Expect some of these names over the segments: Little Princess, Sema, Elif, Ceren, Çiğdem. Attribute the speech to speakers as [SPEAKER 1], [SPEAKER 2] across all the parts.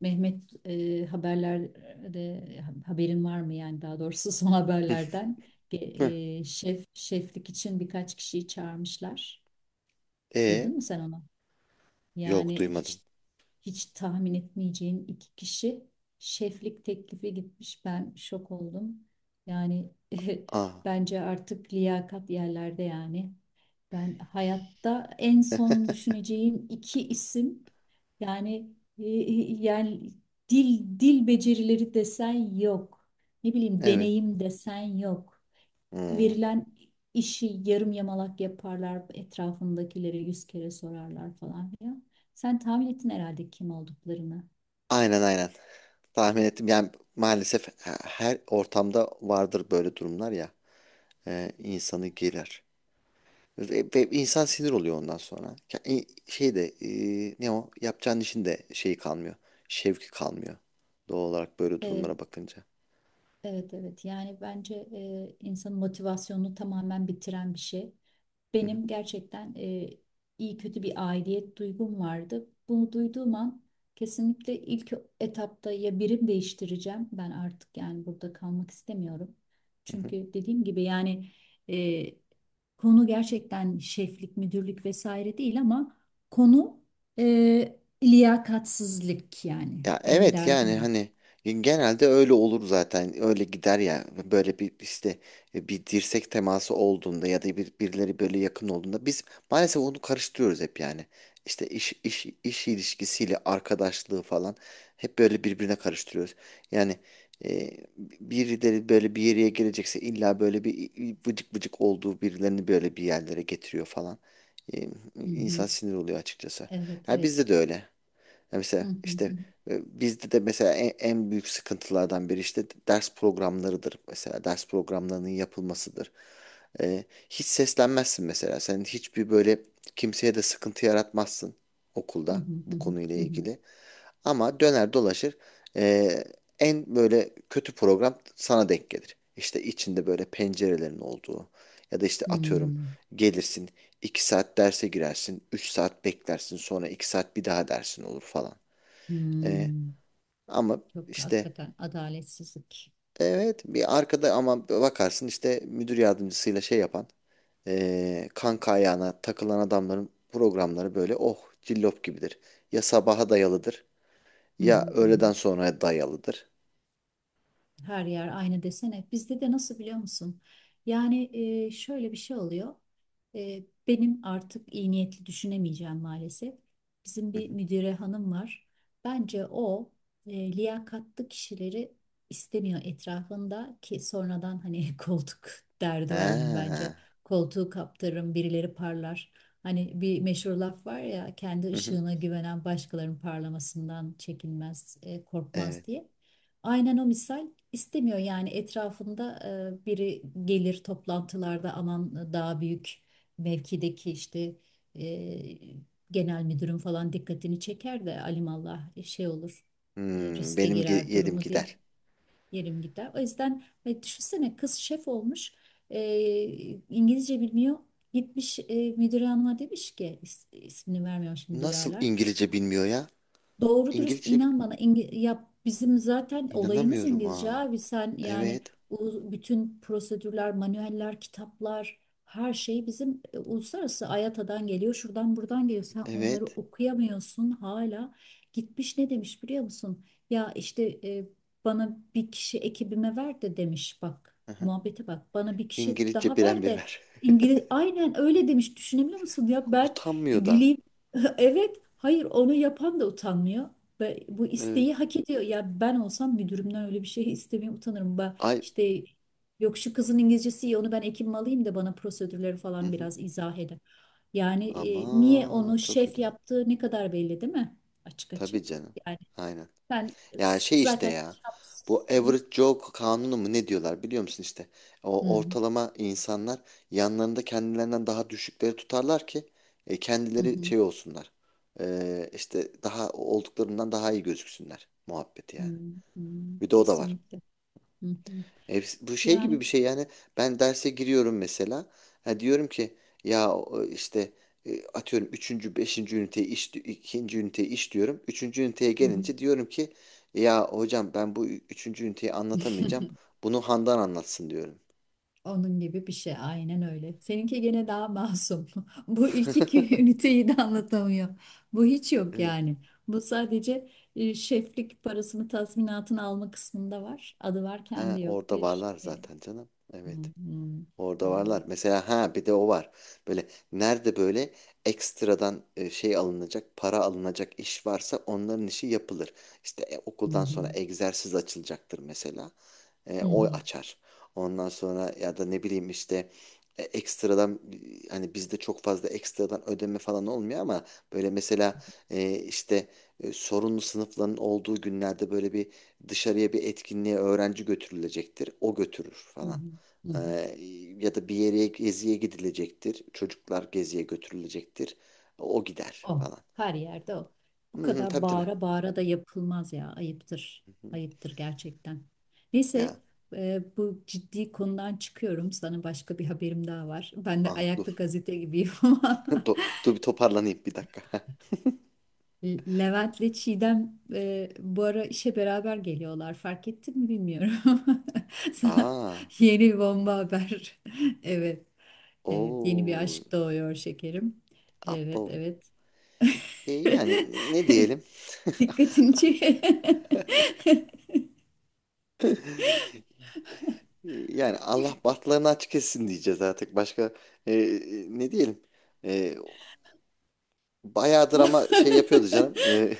[SPEAKER 1] Mehmet, haberlerde haberin var mı? Yani daha doğrusu son haberlerden
[SPEAKER 2] Heh.
[SPEAKER 1] Şeflik için birkaç kişiyi çağırmışlar.
[SPEAKER 2] E
[SPEAKER 1] Duydun mu sen onu?
[SPEAKER 2] yok
[SPEAKER 1] Yani
[SPEAKER 2] duymadım.
[SPEAKER 1] hiç tahmin etmeyeceğin iki kişi şeflik teklifi gitmiş. Ben şok oldum. Yani
[SPEAKER 2] Aa,
[SPEAKER 1] bence artık liyakat yerlerde yani. Ben hayatta en son düşüneceğim iki isim yani, yani dil becerileri desen yok. Ne bileyim,
[SPEAKER 2] evet.
[SPEAKER 1] deneyim desen yok,
[SPEAKER 2] Hmm.
[SPEAKER 1] verilen işi yarım yamalak yaparlar, etrafındakilere yüz kere sorarlar falan filan. Sen tahmin ettin herhalde kim olduklarını.
[SPEAKER 2] Aynen aynen. Tahmin ettim. Yani maalesef her ortamda vardır böyle durumlar ya. İnsanı gelir. Ve insan sinir oluyor ondan sonra. Ya, şey de ne o? Yapacağın işin de şeyi kalmıyor. Şevki kalmıyor. Doğal olarak böyle
[SPEAKER 1] Evet,
[SPEAKER 2] durumlara bakınca.
[SPEAKER 1] evet, evet. Yani bence insanın motivasyonunu tamamen bitiren bir şey.
[SPEAKER 2] Hı hı,
[SPEAKER 1] Benim gerçekten iyi kötü bir aidiyet duygum vardı. Bunu duyduğum an kesinlikle ilk etapta ya birim değiştireceğim. Ben artık yani burada kalmak istemiyorum.
[SPEAKER 2] hı hı.
[SPEAKER 1] Çünkü dediğim gibi yani, e, konu gerçekten şeflik, müdürlük vesaire değil ama konu liyakatsizlik yani.
[SPEAKER 2] Ya,
[SPEAKER 1] Benim
[SPEAKER 2] evet, yani
[SPEAKER 1] derdim o.
[SPEAKER 2] hani genelde öyle olur zaten. Öyle gider ya. Böyle bir işte bir dirsek teması olduğunda ya da bir, birileri böyle yakın olduğunda biz maalesef onu karıştırıyoruz hep yani. İşte iş ilişkisiyle arkadaşlığı falan hep böyle birbirine karıştırıyoruz. Yani e, birileri böyle bir yere gelecekse illa böyle bir vıcık vıcık olduğu birilerini böyle bir yerlere getiriyor falan. E,
[SPEAKER 1] Hı
[SPEAKER 2] insan
[SPEAKER 1] hı.
[SPEAKER 2] sinir oluyor açıkçası.
[SPEAKER 1] Evet,
[SPEAKER 2] Ha,
[SPEAKER 1] evet.
[SPEAKER 2] bizde de öyle. Ya,
[SPEAKER 1] Hı
[SPEAKER 2] mesela
[SPEAKER 1] hı
[SPEAKER 2] işte
[SPEAKER 1] hı.
[SPEAKER 2] bizde de mesela en büyük sıkıntılardan biri işte ders programlarıdır. Mesela ders programlarının yapılmasıdır. E, Hiç seslenmezsin mesela. Sen hiçbir böyle kimseye de sıkıntı yaratmazsın
[SPEAKER 1] Hı
[SPEAKER 2] okulda
[SPEAKER 1] hı hı
[SPEAKER 2] bu
[SPEAKER 1] hı.
[SPEAKER 2] konuyla
[SPEAKER 1] Hı. Hı.
[SPEAKER 2] ilgili. Ama döner dolaşır, e, en böyle kötü program sana denk gelir. İşte içinde böyle pencerelerin olduğu ya da işte atıyorum
[SPEAKER 1] Hmm.
[SPEAKER 2] gelirsin 2 saat derse girersin, 3 saat beklersin, sonra 2 saat bir daha dersin olur falan. E,
[SPEAKER 1] Hmm.
[SPEAKER 2] Ama
[SPEAKER 1] Çok
[SPEAKER 2] işte
[SPEAKER 1] hakikaten adaletsizlik.
[SPEAKER 2] evet, bir arkada ama bakarsın işte müdür yardımcısıyla şey yapan, kanka ayağına takılan adamların programları böyle oh cillop gibidir. Ya sabaha dayalıdır
[SPEAKER 1] Hı
[SPEAKER 2] ya
[SPEAKER 1] hı hı hı.
[SPEAKER 2] öğleden sonraya dayalıdır.
[SPEAKER 1] Her yer aynı desene. Bizde de nasıl biliyor musun? Yani, şöyle bir şey oluyor. Benim artık iyi niyetli düşünemeyeceğim maalesef. Bizim
[SPEAKER 2] Hı
[SPEAKER 1] bir
[SPEAKER 2] hı.
[SPEAKER 1] müdüre hanım var. Bence o liyakatlı kişileri istemiyor etrafında, ki sonradan hani koltuk derdi var onun bence.
[SPEAKER 2] Ha.
[SPEAKER 1] Koltuğu kaptırırım, birileri parlar. Hani bir meşhur laf var ya, kendi
[SPEAKER 2] Hı hı.
[SPEAKER 1] ışığına güvenen başkalarının parlamasından çekinmez, korkmaz
[SPEAKER 2] Evet.
[SPEAKER 1] diye. Aynen o misal, İstemiyor yani etrafında biri gelir toplantılarda, aman daha büyük mevkideki, işte, e, genel müdürün falan dikkatini çeker de alimallah şey olur,
[SPEAKER 2] Hmm,
[SPEAKER 1] riske
[SPEAKER 2] benim
[SPEAKER 1] girer
[SPEAKER 2] yerim
[SPEAKER 1] durumu diye
[SPEAKER 2] gider.
[SPEAKER 1] yerim gider. O yüzden düşünsene, kız şef olmuş, e, İngilizce bilmiyor, gitmiş müdür hanıma demiş ki, ismini vermiyorum şimdi
[SPEAKER 2] Nasıl
[SPEAKER 1] duyarlar.
[SPEAKER 2] İngilizce bilmiyor ya?
[SPEAKER 1] Doğru dürüst
[SPEAKER 2] İngilizce,
[SPEAKER 1] inan bana, ya bizim zaten olayımız
[SPEAKER 2] inanamıyorum
[SPEAKER 1] İngilizce,
[SPEAKER 2] ha.
[SPEAKER 1] abi sen yani
[SPEAKER 2] Evet.
[SPEAKER 1] bütün prosedürler, manueller, kitaplar, her şey bizim uluslararası AYATA'dan geliyor, şuradan buradan geliyor, sen onları
[SPEAKER 2] Evet.
[SPEAKER 1] okuyamıyorsun hala. Gitmiş ne demiş biliyor musun? Ya işte, bana bir kişi ekibime ver de demiş, bak
[SPEAKER 2] Hı hı.
[SPEAKER 1] muhabbete bak, bana bir kişi
[SPEAKER 2] İngilizce
[SPEAKER 1] daha
[SPEAKER 2] biren
[SPEAKER 1] ver
[SPEAKER 2] bir
[SPEAKER 1] de
[SPEAKER 2] ver.
[SPEAKER 1] İngiliz, aynen öyle demiş, düşünebiliyor musun ya? Ben
[SPEAKER 2] Utanmıyor da.
[SPEAKER 1] güleyim evet, hayır, onu yapan da utanmıyor. Ve bu isteği
[SPEAKER 2] Evet.
[SPEAKER 1] hak ediyor. Ya ben olsam müdürümden öyle bir şey istemeye utanırım. Ben
[SPEAKER 2] Ay.
[SPEAKER 1] işte yok şu kızın İngilizcesi iyi, onu ben ekibime alayım da bana prosedürleri
[SPEAKER 2] Hı
[SPEAKER 1] falan
[SPEAKER 2] hı.
[SPEAKER 1] biraz izah eder. Yani niye
[SPEAKER 2] Ama
[SPEAKER 1] onu
[SPEAKER 2] çok
[SPEAKER 1] şef
[SPEAKER 2] kötü.
[SPEAKER 1] yaptığı ne kadar belli değil mi? Açık
[SPEAKER 2] Tabii
[SPEAKER 1] açık.
[SPEAKER 2] canım.
[SPEAKER 1] Yani
[SPEAKER 2] Aynen.
[SPEAKER 1] sen
[SPEAKER 2] Ya, şey işte
[SPEAKER 1] zaten
[SPEAKER 2] ya. Bu
[SPEAKER 1] şapsızsın.
[SPEAKER 2] average Joe kanunu mu ne diyorlar biliyor musun işte. O
[SPEAKER 1] Hı
[SPEAKER 2] ortalama insanlar yanlarında kendilerinden daha düşükleri tutarlar ki
[SPEAKER 1] hı
[SPEAKER 2] kendileri
[SPEAKER 1] hı
[SPEAKER 2] şey olsunlar. İşte daha olduklarından daha iyi gözüksünler muhabbeti
[SPEAKER 1] hı
[SPEAKER 2] yani.
[SPEAKER 1] hı.
[SPEAKER 2] Bir de o da var.
[SPEAKER 1] Kesinlikle. Hı hı.
[SPEAKER 2] Bu şey
[SPEAKER 1] Yani
[SPEAKER 2] gibi bir şey yani ben derse giriyorum mesela, ha diyorum ki ya, işte atıyorum üçüncü beşinci üniteye iş ikinci üniteye iş diyorum. Üçüncü üniteye
[SPEAKER 1] hı hı.
[SPEAKER 2] gelince diyorum ki ya hocam, ben bu üçüncü üniteyi anlatamayacağım. Bunu Handan anlatsın diyorum.
[SPEAKER 1] Onun gibi bir şey, aynen öyle. Seninki gene daha masum. Bu ilk iki üniteyi de anlatamıyor. Bu hiç yok
[SPEAKER 2] Evet.
[SPEAKER 1] yani. Bu sadece şeflik parasını, tazminatını alma kısmında var. Adı var
[SPEAKER 2] Ha,
[SPEAKER 1] kendi yok
[SPEAKER 2] orada
[SPEAKER 1] bir.
[SPEAKER 2] varlar zaten canım.
[SPEAKER 1] Hı
[SPEAKER 2] Evet.
[SPEAKER 1] hı.
[SPEAKER 2] Orada varlar.
[SPEAKER 1] Vallahi.
[SPEAKER 2] Mesela ha, bir de o var. Böyle nerede böyle ekstradan şey alınacak, para alınacak iş varsa onların işi yapılır. İşte
[SPEAKER 1] Hı
[SPEAKER 2] okuldan sonra
[SPEAKER 1] hı.
[SPEAKER 2] egzersiz açılacaktır mesela.
[SPEAKER 1] Hı
[SPEAKER 2] O
[SPEAKER 1] hı.
[SPEAKER 2] açar. Ondan sonra ya da ne bileyim işte ekstradan, hani bizde çok fazla ekstradan ödeme falan olmuyor ama böyle mesela işte sorunlu sınıfların olduğu günlerde böyle bir dışarıya bir etkinliğe öğrenci götürülecektir. O götürür
[SPEAKER 1] Hı
[SPEAKER 2] falan.
[SPEAKER 1] hı. Hı
[SPEAKER 2] Ee,
[SPEAKER 1] hı.
[SPEAKER 2] ya da bir yere geziye gidilecektir. Çocuklar geziye götürülecektir. O gider
[SPEAKER 1] O.
[SPEAKER 2] falan.
[SPEAKER 1] Her yerde o.
[SPEAKER 2] Hı
[SPEAKER 1] Bu
[SPEAKER 2] hı,
[SPEAKER 1] kadar
[SPEAKER 2] tabii tabii.
[SPEAKER 1] bağıra bağıra da yapılmaz ya. Ayıptır.
[SPEAKER 2] Hı hı.
[SPEAKER 1] Ayıptır gerçekten.
[SPEAKER 2] Ya.
[SPEAKER 1] Neyse, bu ciddi konudan çıkıyorum. Sana başka bir haberim daha var. Ben de
[SPEAKER 2] Aha,
[SPEAKER 1] ayaklı
[SPEAKER 2] dur.
[SPEAKER 1] gazete gibiyim ama.
[SPEAKER 2] Dur bir toparlanayım bir dakika.
[SPEAKER 1] Levent'le Çiğdem bu ara işe beraber geliyorlar. Fark ettin mi bilmiyorum. Sana
[SPEAKER 2] Aa.
[SPEAKER 1] yeni bir bomba haber. Evet. Evet. Yeni bir
[SPEAKER 2] Oo.
[SPEAKER 1] aşk doğuyor şekerim.
[SPEAKER 2] Abo.
[SPEAKER 1] Evet. Evet.
[SPEAKER 2] Yani ne diyelim?
[SPEAKER 1] Dikkatini çek.
[SPEAKER 2] E, Yani Allah bahtlarını açık etsin diyeceğiz artık. Başka ne diyelim? E, Bayağıdır ama şey yapıyordu canım.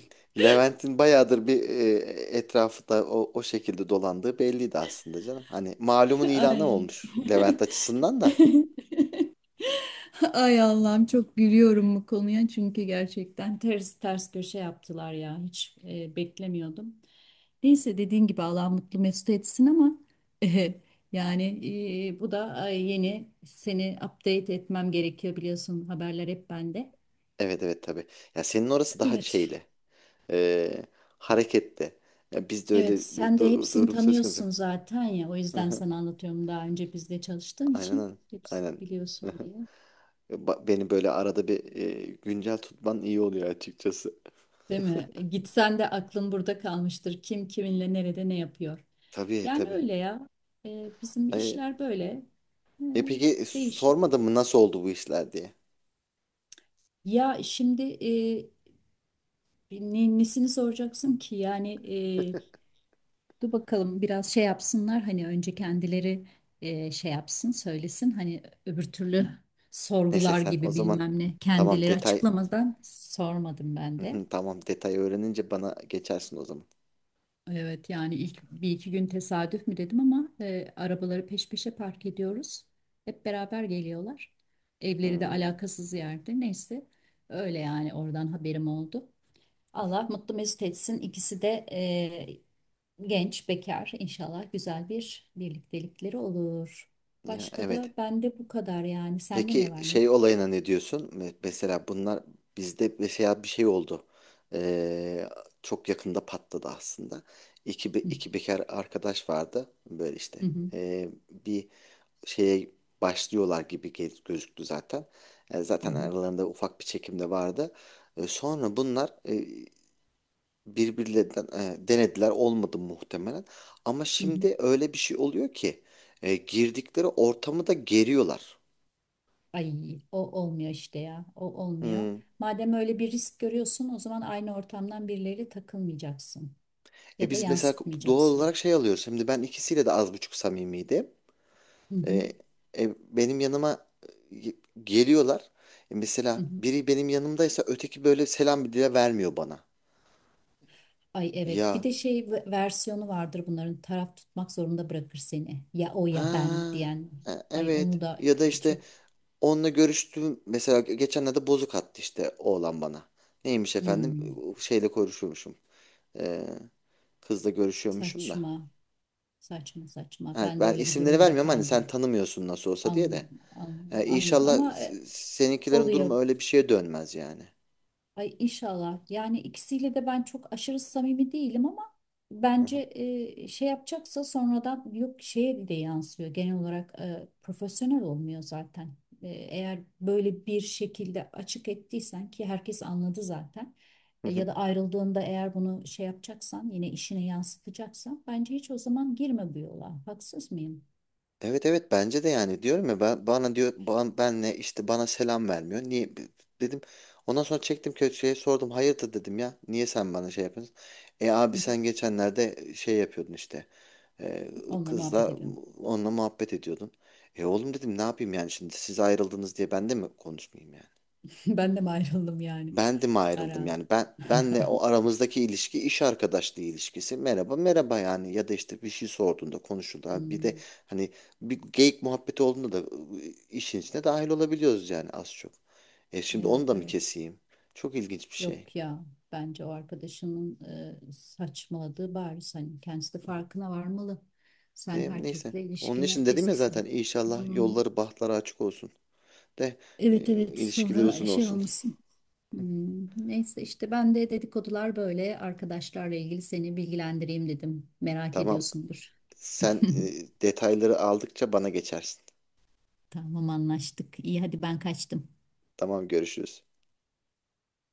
[SPEAKER 2] Levent'in bayağıdır bir etrafta o şekilde dolandığı belliydi aslında canım. Hani malumun ilanı
[SPEAKER 1] Ay.
[SPEAKER 2] olmuş Levent açısından da.
[SPEAKER 1] Ay Allah'ım, çok gülüyorum bu konuya çünkü gerçekten ters ters köşe yaptılar ya, hiç beklemiyordum. Neyse, dediğin gibi Allah mutlu mesut etsin ama yani bu da, yeni, seni update etmem gerekiyor biliyorsun, haberler hep bende.
[SPEAKER 2] Evet, evet, tabii. Ya, senin orası daha
[SPEAKER 1] Evet.
[SPEAKER 2] şeyli. eee, Hareketli. Ya bizde öyle
[SPEAKER 1] Evet,
[SPEAKER 2] bir
[SPEAKER 1] sen de hepsini
[SPEAKER 2] durum söz konusu.
[SPEAKER 1] tanıyorsun zaten ya. O
[SPEAKER 2] Hı
[SPEAKER 1] yüzden
[SPEAKER 2] hı.
[SPEAKER 1] sana anlatıyorum, daha önce bizde çalıştığın
[SPEAKER 2] Aynen öyle.
[SPEAKER 1] için hepsini
[SPEAKER 2] Aynen. Hı
[SPEAKER 1] biliyorsun
[SPEAKER 2] hı.
[SPEAKER 1] diye.
[SPEAKER 2] Beni böyle arada bir güncel tutman iyi oluyor açıkçası.
[SPEAKER 1] Değil mi? Gitsen de aklın burada kalmıştır. Kim kiminle nerede ne yapıyor.
[SPEAKER 2] Tabii
[SPEAKER 1] Yani
[SPEAKER 2] tabii.
[SPEAKER 1] öyle ya. Bizim
[SPEAKER 2] Ay.
[SPEAKER 1] işler böyle. E,
[SPEAKER 2] Peki,
[SPEAKER 1] değişik.
[SPEAKER 2] sormadın mı nasıl oldu bu işler diye?
[SPEAKER 1] Ya şimdi, nesini soracaksın ki? Yani, e, dur bakalım, biraz şey yapsınlar, hani önce kendileri şey yapsın, söylesin, hani öbür türlü
[SPEAKER 2] Neyse
[SPEAKER 1] sorgular
[SPEAKER 2] sen o
[SPEAKER 1] gibi
[SPEAKER 2] zaman
[SPEAKER 1] bilmem ne,
[SPEAKER 2] tamam
[SPEAKER 1] kendileri
[SPEAKER 2] detay
[SPEAKER 1] açıklamadan sormadım ben de.
[SPEAKER 2] tamam detay öğrenince bana geçersin o zaman.
[SPEAKER 1] Evet, yani ilk bir iki gün tesadüf mü dedim ama arabaları peş peşe park ediyoruz. Hep beraber geliyorlar. Evleri de
[SPEAKER 2] Hmm,
[SPEAKER 1] alakasız yerde, neyse, öyle yani oradan haberim oldu. Allah mutlu mesut etsin. İkisi de genç, bekar. İnşallah güzel bir birliktelikleri olur.
[SPEAKER 2] ya
[SPEAKER 1] Başka
[SPEAKER 2] evet.
[SPEAKER 1] da bende bu kadar yani. Sende ne
[SPEAKER 2] Peki
[SPEAKER 1] var ne
[SPEAKER 2] şey
[SPEAKER 1] yok?
[SPEAKER 2] olayına ne diyorsun? Mesela bunlar bizde mesela bir şey oldu. Ee, çok yakında patladı aslında.
[SPEAKER 1] Hı
[SPEAKER 2] İki bekar arkadaş vardı böyle işte.
[SPEAKER 1] hı hı
[SPEAKER 2] Bir şeye başlıyorlar gibi gözüktü zaten. Zaten
[SPEAKER 1] hı.
[SPEAKER 2] aralarında ufak bir çekim de vardı. Sonra bunlar birbirlerinden denediler olmadı muhtemelen. Ama
[SPEAKER 1] Hı, hı.
[SPEAKER 2] şimdi öyle bir şey oluyor ki girdikleri ortamı da geriyorlar.
[SPEAKER 1] Ay, o olmuyor işte ya. O olmuyor.
[SPEAKER 2] Hmm.
[SPEAKER 1] Madem öyle bir risk görüyorsun, o zaman aynı ortamdan birileriyle takılmayacaksın ya da
[SPEAKER 2] Biz mesela doğal
[SPEAKER 1] yansıtmayacaksın.
[SPEAKER 2] olarak şey alıyoruz. Şimdi ben ikisiyle de az buçuk samimiydim.
[SPEAKER 1] Hı hı
[SPEAKER 2] E, benim yanıma e, geliyorlar.
[SPEAKER 1] hı.
[SPEAKER 2] Mesela
[SPEAKER 1] Hı.
[SPEAKER 2] biri benim yanımdaysa öteki böyle selam bile vermiyor bana.
[SPEAKER 1] Ay, evet, bir
[SPEAKER 2] Ya,
[SPEAKER 1] de şey versiyonu vardır bunların, taraf tutmak zorunda bırakır seni, ya o ya ben
[SPEAKER 2] ha,
[SPEAKER 1] diyen. Ay,
[SPEAKER 2] evet.
[SPEAKER 1] onu da
[SPEAKER 2] Ya da işte
[SPEAKER 1] çok
[SPEAKER 2] onunla görüştüm. Mesela geçenlerde bozuk attı işte oğlan bana. Neymiş efendim?
[SPEAKER 1] hmm,
[SPEAKER 2] Şeyle görüşüyormuşum. Ee, kızla görüşüyormuşum da.
[SPEAKER 1] saçma saçma
[SPEAKER 2] Ha,
[SPEAKER 1] ben de
[SPEAKER 2] ben
[SPEAKER 1] öyle bir
[SPEAKER 2] isimleri
[SPEAKER 1] durumda
[SPEAKER 2] vermiyorum hani sen
[SPEAKER 1] kaldım,
[SPEAKER 2] tanımıyorsun nasıl olsa diye de. İnşallah,
[SPEAKER 1] anlıyorum
[SPEAKER 2] inşallah
[SPEAKER 1] ama,
[SPEAKER 2] seninkilerin durumu
[SPEAKER 1] oluyor.
[SPEAKER 2] öyle bir şeye dönmez yani.
[SPEAKER 1] Ay inşallah. Yani ikisiyle de ben çok aşırı samimi değilim ama
[SPEAKER 2] Hı hı.
[SPEAKER 1] bence şey yapacaksa sonradan, yok, şeye de yansıyor. Genel olarak profesyonel olmuyor zaten. Eğer böyle bir şekilde açık ettiysen, ki herkes anladı zaten.
[SPEAKER 2] Hı hı.
[SPEAKER 1] Ya da ayrıldığında eğer bunu şey yapacaksan, yine işine yansıtacaksan, bence hiç o zaman girme bu yola. Haksız mıyım?
[SPEAKER 2] Evet, evet, bence de yani diyorum ya ben bana diyor ben, benle işte bana selam vermiyor. Niye dedim. Ondan sonra çektim köşeye sordum hayırdır dedim ya. Niye sen bana şey yapıyorsun? Abi
[SPEAKER 1] Hı.
[SPEAKER 2] sen geçenlerde şey yapıyordun işte. E,
[SPEAKER 1] Onunla muhabbet
[SPEAKER 2] Kızla
[SPEAKER 1] ediyorum.
[SPEAKER 2] onunla muhabbet ediyordun. Oğlum dedim ne yapayım yani şimdi siz ayrıldınız diye ben de mi konuşmayayım yani?
[SPEAKER 1] Ben de mi ayrıldım yani?
[SPEAKER 2] Ben de mi ayrıldım
[SPEAKER 1] Ara.
[SPEAKER 2] yani ben benle o aramızdaki ilişki iş arkadaşlığı ilişkisi merhaba merhaba yani ya da işte bir şey sorduğunda konuşuldu. Ha, bir de
[SPEAKER 1] Hmm,
[SPEAKER 2] hani bir geyik muhabbeti olduğunda da işin içine dahil olabiliyoruz yani az çok. Şimdi onu
[SPEAKER 1] evet,
[SPEAKER 2] da mı
[SPEAKER 1] evet.
[SPEAKER 2] keseyim? Çok ilginç bir şey.
[SPEAKER 1] Yok ya, bence o arkadaşının saçmaladığı bariz, hani kendisi de farkına varmalı. Sen
[SPEAKER 2] Neyse
[SPEAKER 1] herkesle
[SPEAKER 2] onun
[SPEAKER 1] ilişkine
[SPEAKER 2] için dedim ya
[SPEAKER 1] eskisi
[SPEAKER 2] zaten
[SPEAKER 1] gibi.
[SPEAKER 2] inşallah
[SPEAKER 1] Hmm.
[SPEAKER 2] yolları bahtları açık olsun de e,
[SPEAKER 1] Evet, evet,
[SPEAKER 2] ilişkileri
[SPEAKER 1] sonra
[SPEAKER 2] uzun
[SPEAKER 1] şey
[SPEAKER 2] olsun.
[SPEAKER 1] olmasın. Hmm. Neyse işte, ben de dedikodular böyle arkadaşlarla ilgili seni bilgilendireyim dedim. Merak
[SPEAKER 2] Tamam
[SPEAKER 1] ediyorsundur.
[SPEAKER 2] sen detayları aldıkça bana geçersin.
[SPEAKER 1] Tamam, anlaştık. İyi, hadi ben kaçtım.
[SPEAKER 2] Tamam görüşürüz.